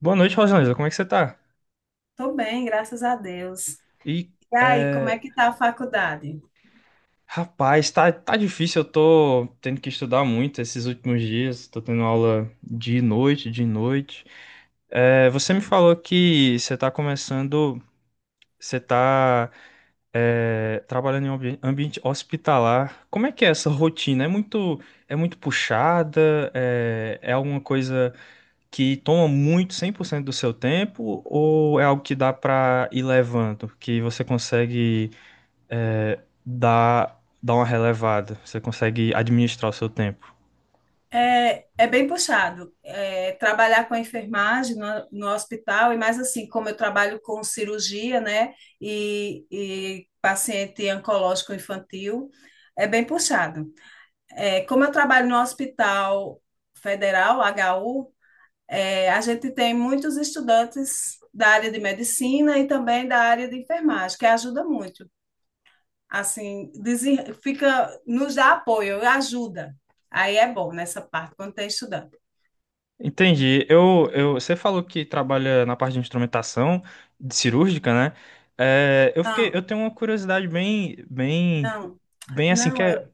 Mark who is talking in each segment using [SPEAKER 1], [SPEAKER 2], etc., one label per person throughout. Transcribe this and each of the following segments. [SPEAKER 1] Boa noite, Rosaneza. Como é que você tá?
[SPEAKER 2] Tô bem, graças a Deus.
[SPEAKER 1] E,
[SPEAKER 2] E aí, como é
[SPEAKER 1] é,
[SPEAKER 2] que tá a faculdade?
[SPEAKER 1] rapaz, tá difícil. Eu tô tendo que estudar muito esses últimos dias. Tô tendo aula de noite, de noite. É, você me falou que você tá começando, você tá, é, trabalhando em um ambiente hospitalar. Como é que é essa rotina? É muito puxada? É, é alguma coisa que toma muito 100% do seu tempo, ou é algo que dá pra ir levando, que você consegue dar uma relevada, você consegue administrar o seu tempo?
[SPEAKER 2] É bem puxado. Trabalhar com a enfermagem no hospital, e mais assim, como eu trabalho com cirurgia, né, e paciente oncológico infantil, é bem puxado. Como eu trabalho no Hospital Federal, HU, a gente tem muitos estudantes da área de medicina e também da área de enfermagem, que ajuda muito. Assim, fica, nos dá apoio, ajuda. Aí é bom nessa parte, quando tem estudante.
[SPEAKER 1] Entendi. Você falou que trabalha na parte de instrumentação de cirúrgica, né? É, eu fiquei,
[SPEAKER 2] Não,
[SPEAKER 1] eu tenho uma curiosidade
[SPEAKER 2] não,
[SPEAKER 1] bem assim que
[SPEAKER 2] não, eu,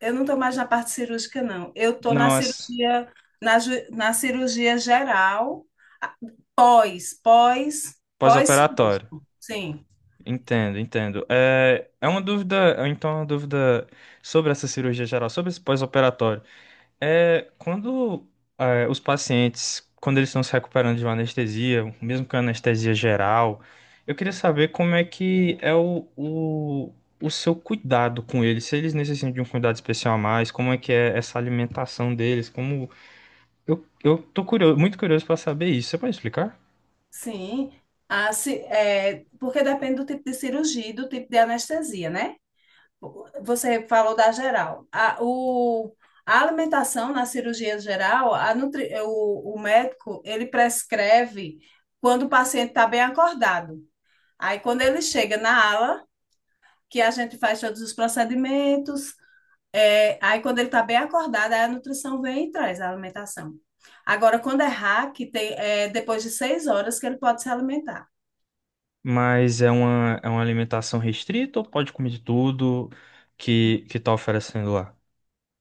[SPEAKER 2] eu não estou mais na parte cirúrgica, não. Eu estou na
[SPEAKER 1] não, é
[SPEAKER 2] cirurgia, na cirurgia geral, a- pós, pós,
[SPEAKER 1] pós-operatório.
[SPEAKER 2] pós-cirúrgico. Sim.
[SPEAKER 1] Entendo, entendo. Então é uma dúvida sobre essa cirurgia geral, sobre esse pós-operatório. É, quando os pacientes, quando eles estão se recuperando de uma anestesia, mesmo com anestesia geral, eu queria saber como é que é o seu cuidado com eles, se eles necessitam de um cuidado especial a mais, como é que é essa alimentação deles, como... Eu tô curioso, muito curioso para saber isso, você pode explicar?
[SPEAKER 2] Sim, porque depende do tipo de cirurgia e do tipo de anestesia, né? Você falou da geral. A alimentação na cirurgia geral, o médico, ele prescreve quando o paciente está bem acordado. Aí, quando ele chega na ala, que a gente faz todos os procedimentos, aí, quando ele está bem acordado, aí a nutrição vem e traz a alimentação. Agora, quando é hack, tem, é depois de 6 horas que ele pode se alimentar.
[SPEAKER 1] Mas é uma alimentação restrita, ou pode comer de tudo que tá oferecendo lá?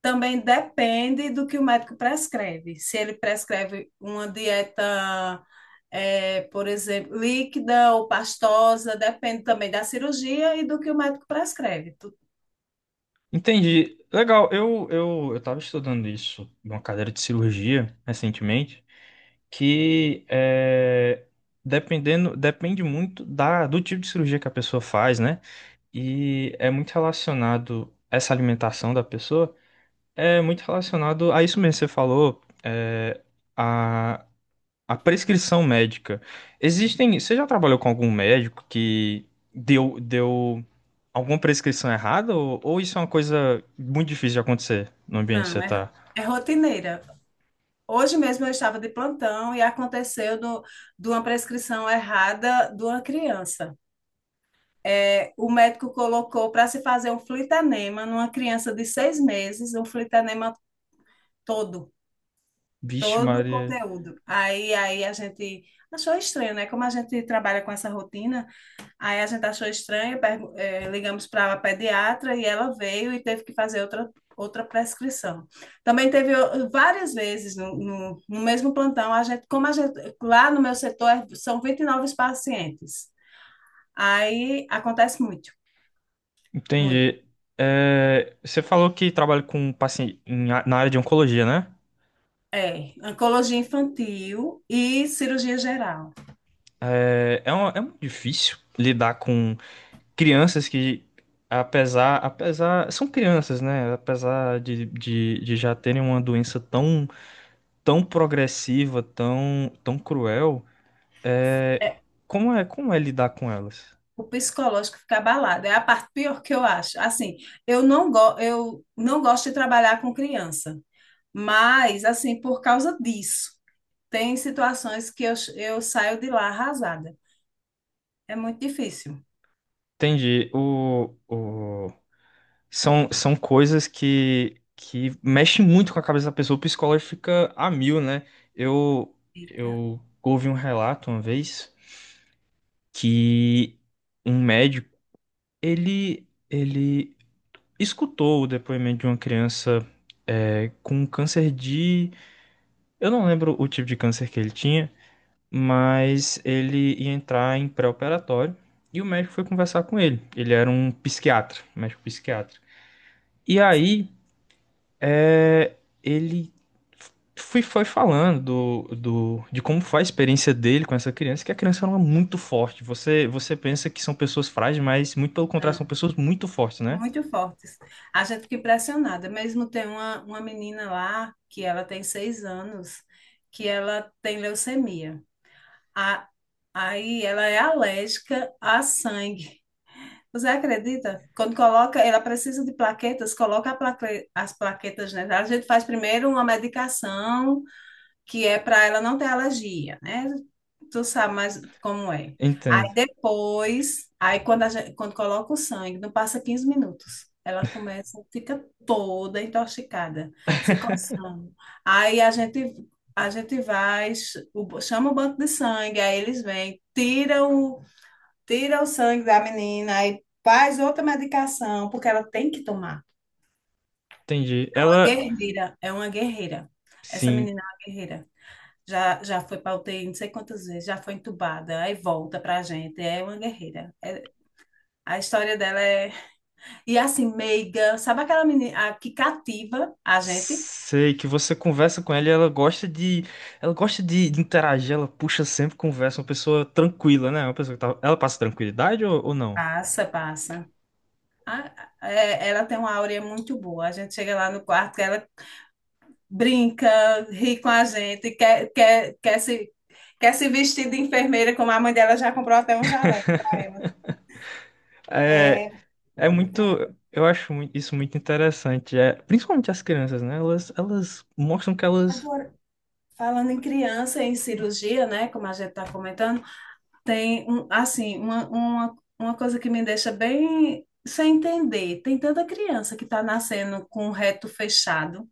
[SPEAKER 2] Também depende do que o médico prescreve. Se ele prescreve uma dieta, por exemplo, líquida ou pastosa, depende também da cirurgia e do que o médico prescreve.
[SPEAKER 1] Entendi. Legal, eu tava estudando isso numa cadeira de cirurgia recentemente, que é, depende muito da, do tipo de cirurgia que a pessoa faz, né? E é muito relacionado, essa alimentação da pessoa é muito relacionado a isso mesmo que você falou, é, a prescrição médica. Existem. Você já trabalhou com algum médico que deu alguma prescrição errada? Ou isso é uma coisa muito difícil de acontecer no ambiente que
[SPEAKER 2] Não,
[SPEAKER 1] você tá?
[SPEAKER 2] é rotineira. Hoje mesmo eu estava de plantão e aconteceu de uma prescrição errada de uma criança. O médico colocou para se fazer um flitanema numa criança de 6 meses, um flitanema todo
[SPEAKER 1] Vixe,
[SPEAKER 2] Todo o
[SPEAKER 1] Maria.
[SPEAKER 2] conteúdo. Aí a gente achou estranho, né? Como a gente trabalha com essa rotina, aí a gente achou estranho, ligamos para a pediatra e ela veio e teve que fazer outra prescrição. Também teve várias vezes no mesmo plantão, a gente, como a gente, lá no meu setor são 29 pacientes. Aí acontece muito, muito.
[SPEAKER 1] Entendi. É, você falou que trabalha com paciente em na área de oncologia, né?
[SPEAKER 2] É, oncologia infantil e cirurgia geral.
[SPEAKER 1] É muito difícil lidar com crianças que, apesar, são crianças, né? Apesar de já terem uma doença tão progressiva, tão cruel. é,
[SPEAKER 2] É,
[SPEAKER 1] Como é lidar com elas?
[SPEAKER 2] O psicológico fica abalado. É a parte pior que eu acho. Assim, eu não gosto de trabalhar com criança, mas, assim, por causa disso, tem situações que eu saio de lá arrasada. É muito difícil.
[SPEAKER 1] Entendi. O... São, são coisas que mexem muito com a cabeça da pessoa. O psicólogo fica a mil, né? Eu,
[SPEAKER 2] Fica,
[SPEAKER 1] eu ouvi um relato uma vez que um médico, ele escutou o depoimento de uma criança, é, com câncer de... Eu não lembro o tipo de câncer que ele tinha, mas ele ia entrar em pré-operatório e o médico foi conversar com ele. Ele era um psiquiatra, um médico psiquiatra. E aí, é, ele foi falando de como foi a experiência dele com essa criança, que a criança era muito forte. Você pensa que são pessoas frágeis, mas muito pelo contrário, são
[SPEAKER 2] não,
[SPEAKER 1] pessoas muito fortes, né?
[SPEAKER 2] muito fortes. A gente fica impressionada. Mesmo tem uma menina lá, que ela tem 6 anos, que ela tem leucemia. A, Aí ela é alérgica a sangue. Você acredita? Quando coloca, ela precisa de plaquetas, coloca as plaquetas, né? A gente faz primeiro uma medicação que é para ela não ter alergia, né? Tu sabe mais como é. Aí
[SPEAKER 1] Entendo.
[SPEAKER 2] depois, aí quando, a gente, quando coloca o sangue, não passa 15 minutos. Ela começa, fica toda intoxicada, se coçando. Aí a gente vai, chama o banco de sangue, aí eles vêm, tira o sangue da menina, aí faz outra medicação, porque ela tem que tomar.
[SPEAKER 1] Entendi.
[SPEAKER 2] É uma
[SPEAKER 1] Ela,
[SPEAKER 2] guerreira, é uma guerreira. Essa
[SPEAKER 1] sim.
[SPEAKER 2] menina é uma guerreira. Já foi para UTI não sei quantas vezes, já foi entubada, aí volta pra gente. É uma guerreira. A história dela é. E assim, meiga, sabe aquela menina a que cativa a gente?
[SPEAKER 1] Sei que você conversa com ela e ela gosta ela gosta de interagir, ela puxa sempre conversa, uma pessoa tranquila, né? Uma pessoa que tá, ela passa tranquilidade, ou não?
[SPEAKER 2] Passa, passa. Ela tem uma áurea muito boa. A gente chega lá no quarto, ela brinca, ri com a gente, quer se vestir de enfermeira, como a mãe dela já comprou até um jaleco para ela.
[SPEAKER 1] É,
[SPEAKER 2] É,
[SPEAKER 1] é muito,
[SPEAKER 2] então,
[SPEAKER 1] eu acho isso muito interessante, é, principalmente as crianças, né? Elas mostram que elas,
[SPEAKER 2] agora, falando em criança, em cirurgia, né, como a gente está comentando, tem assim, uma coisa que me deixa bem sem entender. Tem tanta criança que está nascendo com o reto fechado.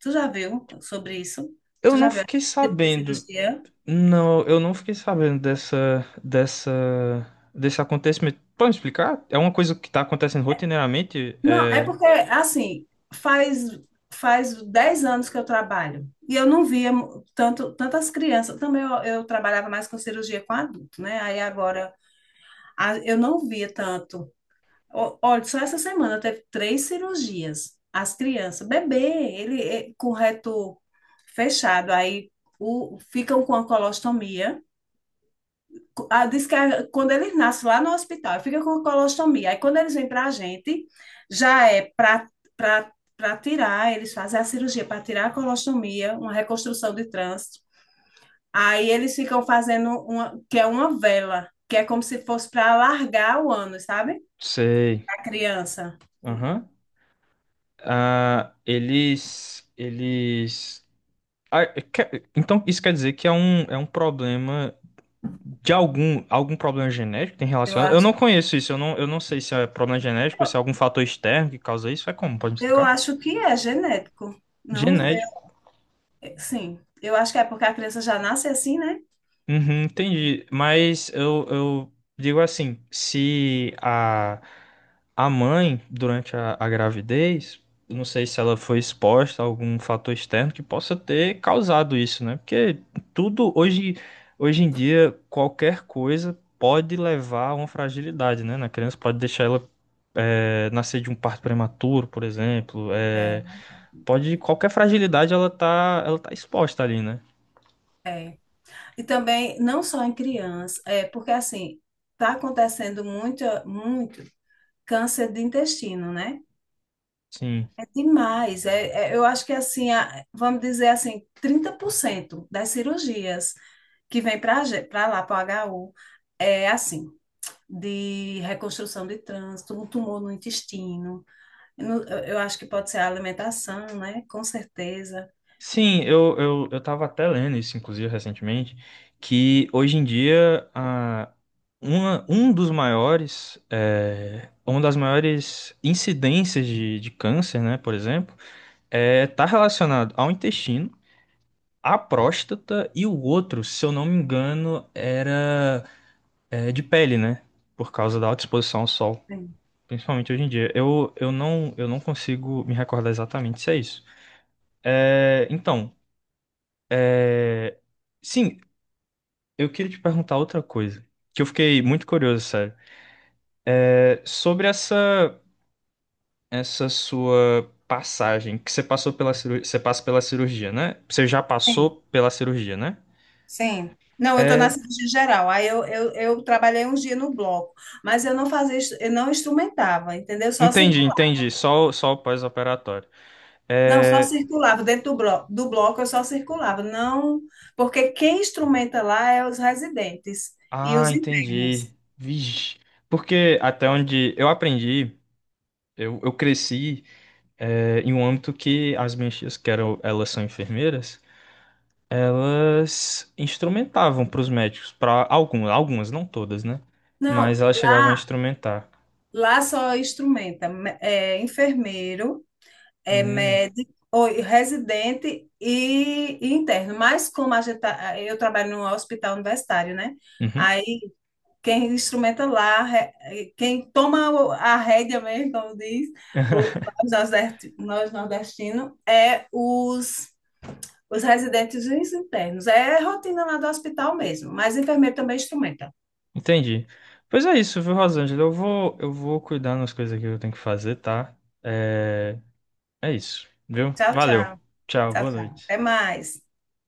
[SPEAKER 2] Tu já viu sobre isso? Tu
[SPEAKER 1] eu
[SPEAKER 2] já
[SPEAKER 1] não
[SPEAKER 2] viu
[SPEAKER 1] fiquei
[SPEAKER 2] esse tipo de
[SPEAKER 1] sabendo,
[SPEAKER 2] cirurgia?
[SPEAKER 1] não, eu não fiquei sabendo dessa, desse acontecimento. Pode me explicar? É uma coisa que tá acontecendo rotineiramente?
[SPEAKER 2] Não, é
[SPEAKER 1] É,
[SPEAKER 2] porque, assim, faz faz 10 anos que eu trabalho e eu não via mu- tanto tantas crianças. Também eu trabalhava mais com cirurgia com adulto, né? Aí agora eu não via tanto. Olha, só essa semana teve 3 cirurgias. As crianças, bebê, ele é com reto fechado, aí ficam com a colostomia, diz que quando eles nascem lá no hospital, fica com colostomia. Aí quando eles vêm para a gente, já é para tirar, eles fazem a cirurgia para tirar a colostomia, uma reconstrução de trânsito. Aí eles ficam fazendo uma, que é uma vela, que é como se fosse para alargar o ano, sabe?
[SPEAKER 1] sei.
[SPEAKER 2] A criança.
[SPEAKER 1] Aham. Ah, eles, eles. Ah, então isso quer dizer que é é um problema de algum, algum problema genético que tem
[SPEAKER 2] Eu
[SPEAKER 1] relacionado. Eu
[SPEAKER 2] acho,
[SPEAKER 1] não conheço isso, eu não sei se é problema genético, se é algum fator externo que causa isso. É como? Pode me
[SPEAKER 2] eu
[SPEAKER 1] explicar?
[SPEAKER 2] acho que é genético. Não,
[SPEAKER 1] Genético.
[SPEAKER 2] sim, eu acho que é porque a criança já nasce assim, né?
[SPEAKER 1] Uhum, entendi. Mas eu digo assim, se a mãe, durante a gravidez, eu não sei se ela foi exposta a algum fator externo que possa ter causado isso, né? Porque tudo hoje, hoje em dia, qualquer coisa pode levar a uma fragilidade, né? Na criança, pode deixar ela é, nascer de um parto prematuro, por exemplo.
[SPEAKER 2] É,
[SPEAKER 1] É, pode, qualquer fragilidade ela tá exposta ali, né?
[SPEAKER 2] é. E também, não só em criança, é porque assim, tá acontecendo muito, muito câncer de intestino, né?
[SPEAKER 1] Sim.
[SPEAKER 2] É demais. Eu acho que assim, vamos dizer assim, 30% das cirurgias que vem para lá, para o HU, é assim. De reconstrução de trânsito, um tumor no intestino. Eu acho que pode ser a alimentação, né? Com certeza.
[SPEAKER 1] Sim, eu tava até lendo isso, inclusive, recentemente, que hoje em dia um dos uma das maiores incidências de câncer, né, por exemplo, é, tá relacionado ao intestino, à próstata, e o outro, se eu não me engano, era é, de pele, né, por causa da alta exposição ao sol.
[SPEAKER 2] Sim,
[SPEAKER 1] Principalmente hoje em dia. Eu não consigo me recordar exatamente se é isso. É, então, eh, sim, eu queria te perguntar outra coisa, que eu fiquei muito curioso, sério. É, sobre essa sua passagem, que você passou pela cirurgia, você passa pela cirurgia, né? Você já
[SPEAKER 2] sim.
[SPEAKER 1] passou pela cirurgia, né?
[SPEAKER 2] Sim. Não, eu estou na
[SPEAKER 1] É,
[SPEAKER 2] cirurgia geral. Aí eu trabalhei uns dias no bloco, mas eu não instrumentava, entendeu? Só
[SPEAKER 1] entendi,
[SPEAKER 2] circulava.
[SPEAKER 1] entendi. Só, só o pós-operatório.
[SPEAKER 2] Não, só
[SPEAKER 1] É...
[SPEAKER 2] circulava. Dentro do bloco eu só circulava. Não, porque quem instrumenta lá é os residentes e
[SPEAKER 1] Ah,
[SPEAKER 2] os
[SPEAKER 1] entendi.
[SPEAKER 2] internos.
[SPEAKER 1] Vixe. Porque até onde eu aprendi, eu cresci é, em um âmbito que as minhas tias, que eram, elas são enfermeiras, elas instrumentavam para os médicos, para algumas, algumas, não todas, né?
[SPEAKER 2] Não,
[SPEAKER 1] Mas elas chegavam a
[SPEAKER 2] lá,
[SPEAKER 1] instrumentar.
[SPEAKER 2] lá só instrumenta enfermeiro, é
[SPEAKER 1] Hum,
[SPEAKER 2] médico, ou residente e interno. Mas como eu trabalho no hospital universitário, né?
[SPEAKER 1] uhum.
[SPEAKER 2] Aí quem instrumenta lá, quem toma a rédea mesmo, como diz, o- nós nordestinos, é os residentes e os internos. É rotina lá do hospital mesmo, mas o enfermeiro também instrumenta.
[SPEAKER 1] Entendi. Pois é isso, viu, Rosângela? Eu vou cuidar das coisas aqui que eu tenho que fazer, tá? É, é isso, viu?
[SPEAKER 2] Tchau,
[SPEAKER 1] Valeu.
[SPEAKER 2] tchau.
[SPEAKER 1] Tchau,
[SPEAKER 2] Tchau,
[SPEAKER 1] boa
[SPEAKER 2] tchau.
[SPEAKER 1] noite.
[SPEAKER 2] Até mais.